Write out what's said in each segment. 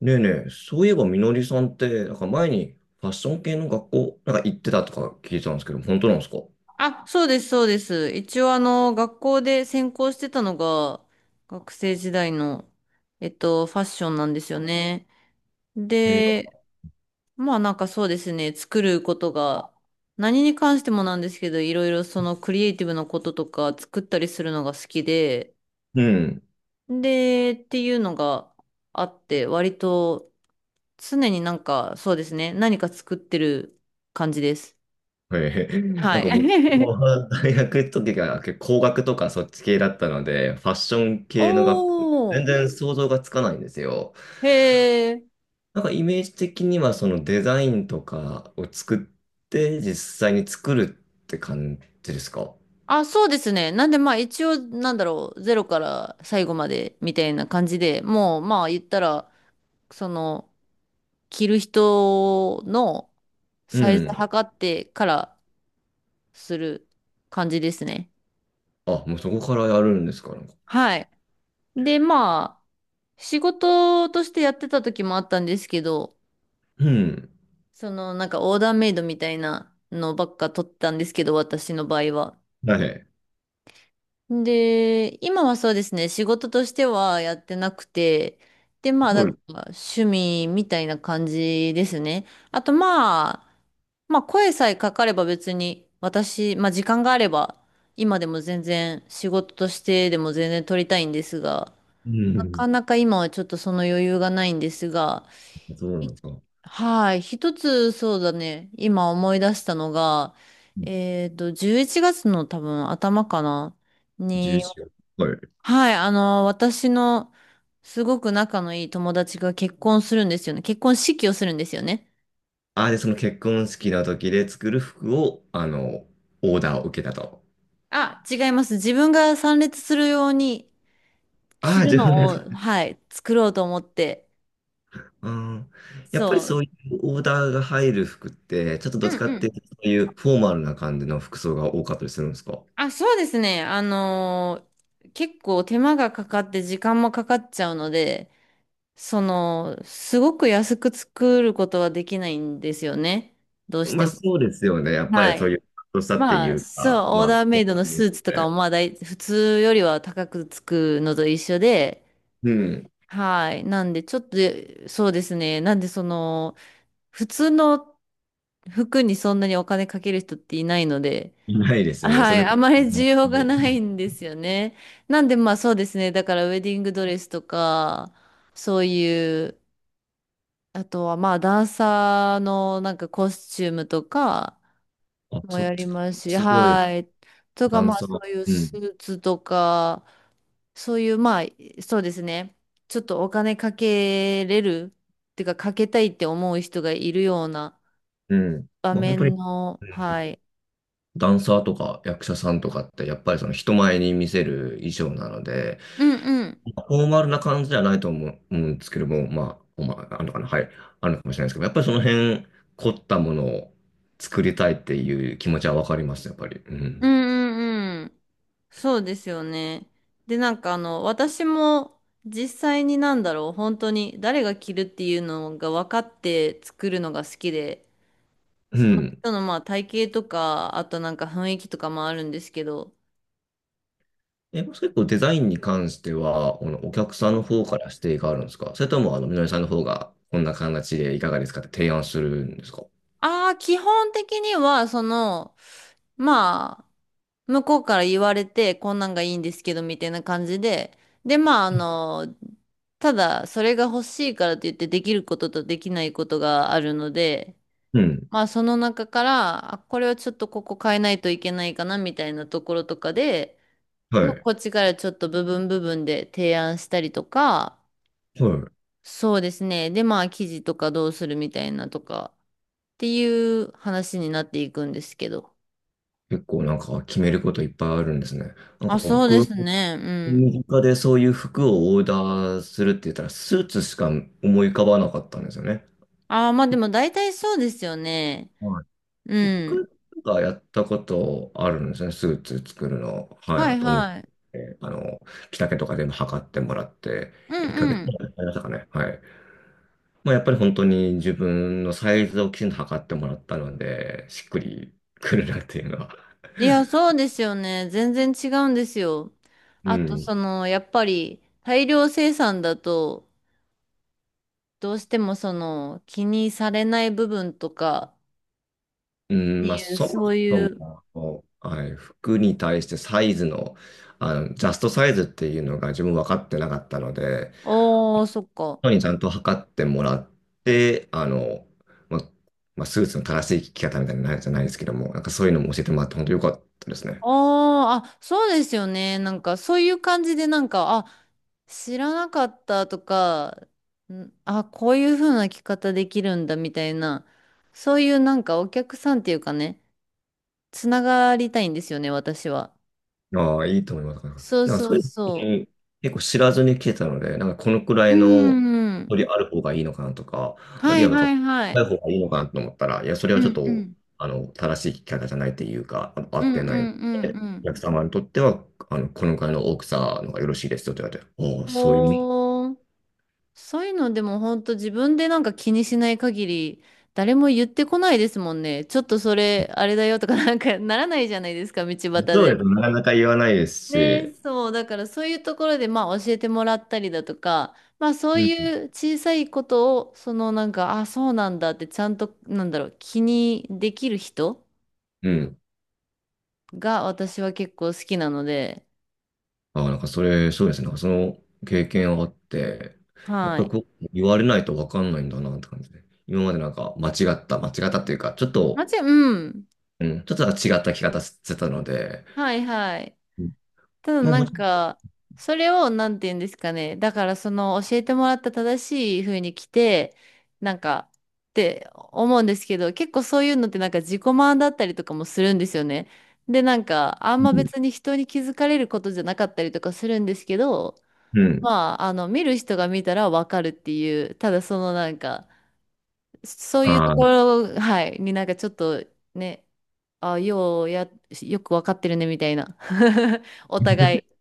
ねえねえ、そういえばみのりさんって、なんか前にファッション系の学校、なんか行ってたとか聞いてたんですけど、本当なんですか？あ、そうです、そうです。一応、学校で専攻してたのが、学生時代の、ファッションなんですよね。えーなんで、かまあ、なんかそうですね、作ることが、何に関してもなんですけど、いろいろそのクリエイティブなこととか、作ったりするのが好きで、うん。で、っていうのがあって、割と、常になんか、そうですね、何か作ってる感じです。なはんい。か僕 は 大学の時が結構工学とかそっち系だったので、ファッション系の学校、お全ー、然想像がつかないんですよ。へー。なんかイメージ的にはそのデザインとかを作って実際に作るって感じですか？あ、そうですね。なんでまあ一応なんだろう、ゼロから最後までみたいな感じで、もうまあ言ったら、その、着る人のうサイズん。測ってからする感じですね。あ、もうそこからやるんですか、なんか。はい。でまあ、仕事としてやってた時もあったんですけど、うん。そのなんかオーダーメイドみたいなのばっか取ったんですけど、私の場合は。はい。すで、今はそうですね、仕事としてはやってなくて、で、まあ、だごかい。ら趣味みたいな感じですね。あと、まあ、まあ、声さえかかれば別に、私、まあ、時間があれば、今でも全然仕事としてでも全然取りたいんですが、うなかん。なか今はちょっとその余裕がないんですが、そうないんですか。はい、一つそうだね、今思い出したのが、11月の多分頭かな。に11、はい。はい、私のすごく仲のいい友達が結婚するんですよね。結婚式をするんですよね。あ、で、その結婚式の時で作る服を、あの、オーダーを受けたと。あ、違います。自分が参列するようにあ着あ、るじゃあ。のを、はい、作ろうと思って。うん。やっぱりそそういうオーダーが入る服って、ちょっとう。どっうちかんうっていん。うと、そういうフォーマルな感じの服装が多かったりするんですか？あ、そうですね。結構手間がかかって時間もかかっちゃうので、その、すごく安く作ることはできないんですよね。どうしまてあ、も。そうですよね。やっぱはりそういい。う、としたっていまあ、うそか、う、オまーあ、ダーやメっイドぱのスり。ーツとかもまあ大、普通よりは高くつくのと一緒で、うん。はい。なんで、ちょっと、そうですね。なんで、その、普通の服にそんなにお金かける人っていないので、いないですよね、はそい。れこあまり需要そ。がないんですよね。なんで、まあそうですね。だから、ウェディングドレスとか、そういう、あとはまあ、ダンサーのなんかコスチュームとか、あ、もそっやりち、ますし、すごい、はい。とダか、ンまあ、サそー。ういううスん。ーツとか、そういう、まあ、そうですね。ちょっとお金かけれる、っていうか、かけたいって思う人がいるようなうん。場まあ、本当面に。の、はい。ダンサーとか役者さんとかってやっぱりその人前に見せる衣装なので、うんうん。フォーマルな感じじゃないと思うんですけども、まあ、まあ、あるのかな、はい、あるのかもしれないですけど、やっぱりその辺凝ったものを作りたいっていう気持ちはわかります、やっぱり。ううんん。うんうん。そうですよね。で、なんかあの、私も実際になんだろう、本当に誰が着るっていうのが分かって作るのが好きで、うそのん。人のまあ体型とか、あとなんか雰囲気とかもあるんですけど、え、もし結構デザインに関しては、このお客さんの方から指定があるんですか、それとも、あの、みのりさんの方が、こんな形でいかがですかって提案するんですか？ああ、基本的には、その、まあ、向こうから言われて、こんなんがいいんですけど、みたいな感じで、で、まあ、あの、ただ、それが欲しいからといって、できることとできないことがあるので、うん。まあ、その中から、あ、これはちょっとここ変えないといけないかな、みたいなところとかで、はまあ、い。こっちからちょっと部分部分で提案したりとか、はい。そうですね。で、まあ、記事とかどうするみたいなとかっていう話になっていくんですけど。結構なんか決めることいっぱいあるんですね。なんあ、かそうで僕すね。うん。身近でそういう服をオーダーするって言ったら、スーツしか思い浮かばなかったんですよね。ああ、まあでも大体そうですよね。はうい。一ん。回がやったことあるんですね、スーツ作るの。ははい。いと思っはい。て、あの、着丈とか全部測ってもらって、う1んヶ月やうん。りましたかね。はい。まあ、やっぱり本当に自分のサイズをきちんと測ってもらったので、しっくりくるなっていうのは。いや、そうですよね。全然違うんですよ。うあと、そん。の、やっぱり大量生産だと、どうしてもその、気にされない部分とかっうてん、まあ、いう、そもそうそいう、も、こう、はい、服に対してサイズの、あの、ジャストサイズっていうのが自分分かってなかったので、おー、そっか。人にちゃんと測ってもらって、あの、まあ、まあスーツの正しい着方みたいなのじゃないですけども、なんかそういうのも教えてもらって本当よかったですね。あーあ、そうですよね。なんか、そういう感じで、なんか、あ、知らなかったとか、んあ、こういう風な着方できるんだみたいな、そういうなんかお客さんっていうかね、つながりたいんですよね、私は。ああ、いいと思います。なんか、そうなんかそそうういうの本当そに結構知らずに来てたので、なんかこのくらう。ういのんうん。距離ある方がいいのかなとか、あはるいいはなんはか、いはい。ない方がいいのかなと思ったら、いや、それうはちょっんうと、ん。あの、正しい聞き方じゃないというか、あの合うっんうてないのんで、うおん客様にとっては、あの、このくらいの大きさのがよろしいですよと言われて、おお、うん。そういうもん。おー。そういうのでも本当自分でなんか気にしない限り誰も言ってこないですもんね。ちょっとそれあれだよとかなんかならないじゃないですか、道端そうでで。す。なかなか言わないですし、ね、そう、だからそういうところでまあ教えてもらったりだとか、まあそううん。いう小さいことをそのなんか、あ、そうなんだってちゃんとなんだろう、気にできる人うん。が私は結構好きなので、ああ、なんかそれ、そうですね。なんかその経験あって、やっはぱりい。こう言われないとわかんないんだなって感じで。今までなんか間違ったっていうか、ちょっと、うん。うん、ちょっと違った聞き方してたので、はいはい。うん。ただまあなもんちろか、それをなんて言うんですかね。だからその教えてもらった正しい風に来て、なんか、って思うんですけど、結構そういうのってなんか自己満だったりとかもするんですよね。で、なんか、あんまん、別に人に気づかれることじゃなかったりとかするんですけど、うん。うん。まあ、あの、見る人が見たらわかるっていう、ただそのなんか、そういうとあこあ。ろ、はい、になんかちょっとね、あ、ようや、よくわかってるねみたいな。お互 い。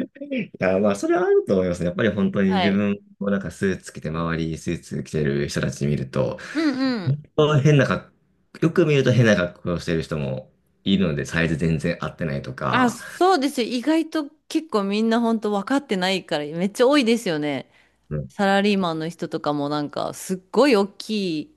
いや、まあ、それはあると思いますね。やっぱり本当には自い。分もなんかスーツ着て、周りスーツ着てる人たち見ると、うんうん。本当変な格好、よく見ると変な格好をしてる人もいるので、サイズ全然合ってないとあ、か、そうですよ。意外と結構みんな本当分かってないから、めっちゃ多いですよね。うん、サラリーマンの人とかもなんか、すっごい大きい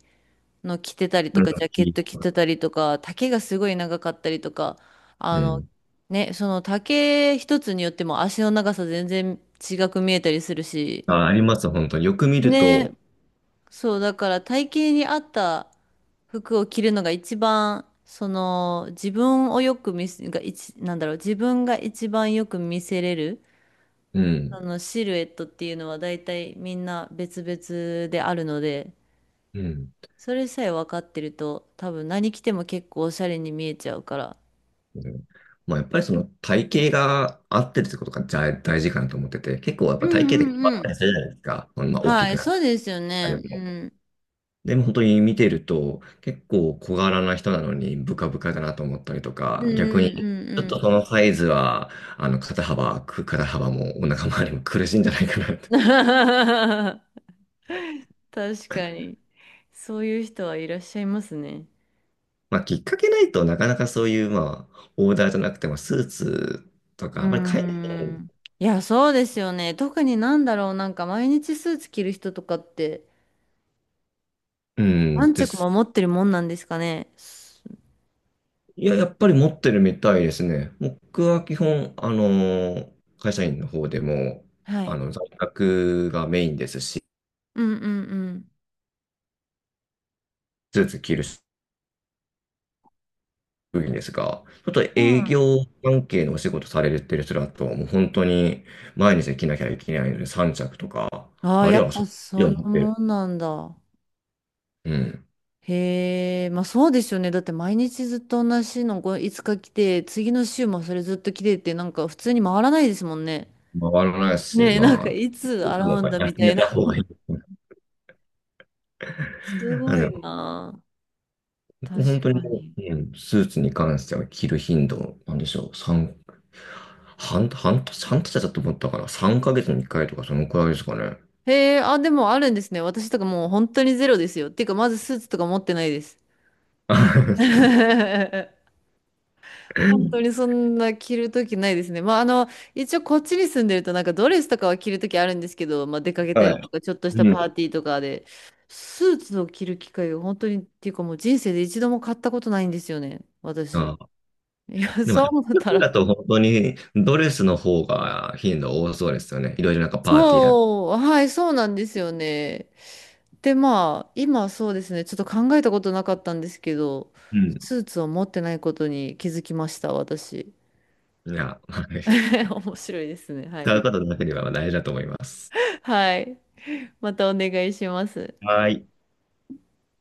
の着てたりとうん。か、ジャケット着てたりとか、丈がすごい長かったりとか、あうの、ん。ね、その丈一つによっても足の長さ全然違く見えたりするし、あ、あります、本当に。よく見るね、と、そう、だから体型に合った服を着るのが一番、その自分をよく見せ、が一、なんだろう、自分が一番よく見せれる、うあん、のシルエットっていうのは大体みんな別々であるので、うん。それさえ分かってると多分何着ても結構おしゃれに見えちゃうから。うん。まあ、やっぱりその体型が合ってるってことが大大事かなと思ってて、結構やっうぱ体型で変んうわったんりするじゃないですか。うん。まあ、大きはくい、なっそうですよたりね。うも。ん。でも本当に見てると、結構小柄な人なのにブカブカだなと思ったりとうか、ん逆に、ちょっうとんそのサイズは、あの、肩幅、く肩幅もお腹周りも苦しいんじゃないかなっうんて。うん 確かに。そういう人はいらっしゃいますね。まあ、きっかけないとなかなかそういう、まあ、オーダーじゃなくてもスーツとうーか、あんまり海外。ん。いや、そうですよね。特になんだろう、なんか毎日スーツ着る人とかって、うん何で着もす。持ってるもんなんですかね。すいや、やっぱり持ってるみたいですね。僕は基本、あのー会社員の方でも、はい。あの、在宅がメインですし、うんうんうん。スーツ着る職員ですが、ちょっとうん営あ業関係のお仕事されてる人だと、もう本当に毎日着なきゃいけないので、3着とか、ーあるやいっはぱそっちそんをな持ってる。もんなんだ。うん。へえ、まあそうですよね。だって毎日ずっと同じのこういつか着て、次の週もそれずっと着てって、なんか普通に回らないですもんね。回らないし、ねえ、なんかまあ、いつ洗多うん分だみ休ためいたな。方がいい。す あごの、いなあ。確本当かにもに。う、うん、スーツに関しては着る頻度、なんでしょう、三半、半年、半年だと思ったから、3ヶ月に1回とか、そのくらいですかね。へえ、あ、でもあるんですね。私とかもう本当にゼロですよ。っていうか、まずスーツとか持ってないです。本当にそんな着るときないですね。まあ、あの、一応こっちに住んでるとなんかドレスとかは着るときあるんですけど、まあ、出かけたはりい。とか、ちょっとしたうパーん。ティーとかで、スーツを着る機会が本当に、っていうかもう人生で一度も買ったことないんですよね、私。あ、いや、でも、そう思った服だら。と本当にドレスの方が頻度多そうですよね。いろいろなんかパーティーだ。そう、はい、そうなんですよね。で、まあ、今そうですね、ちょっと考えたことなかったんですけど、うん。スーツを持ってないことに気づきました、私。いや、はい、 面白いですね。は使い。うことだけでは大事だと思います。はい。またお願いします。はい。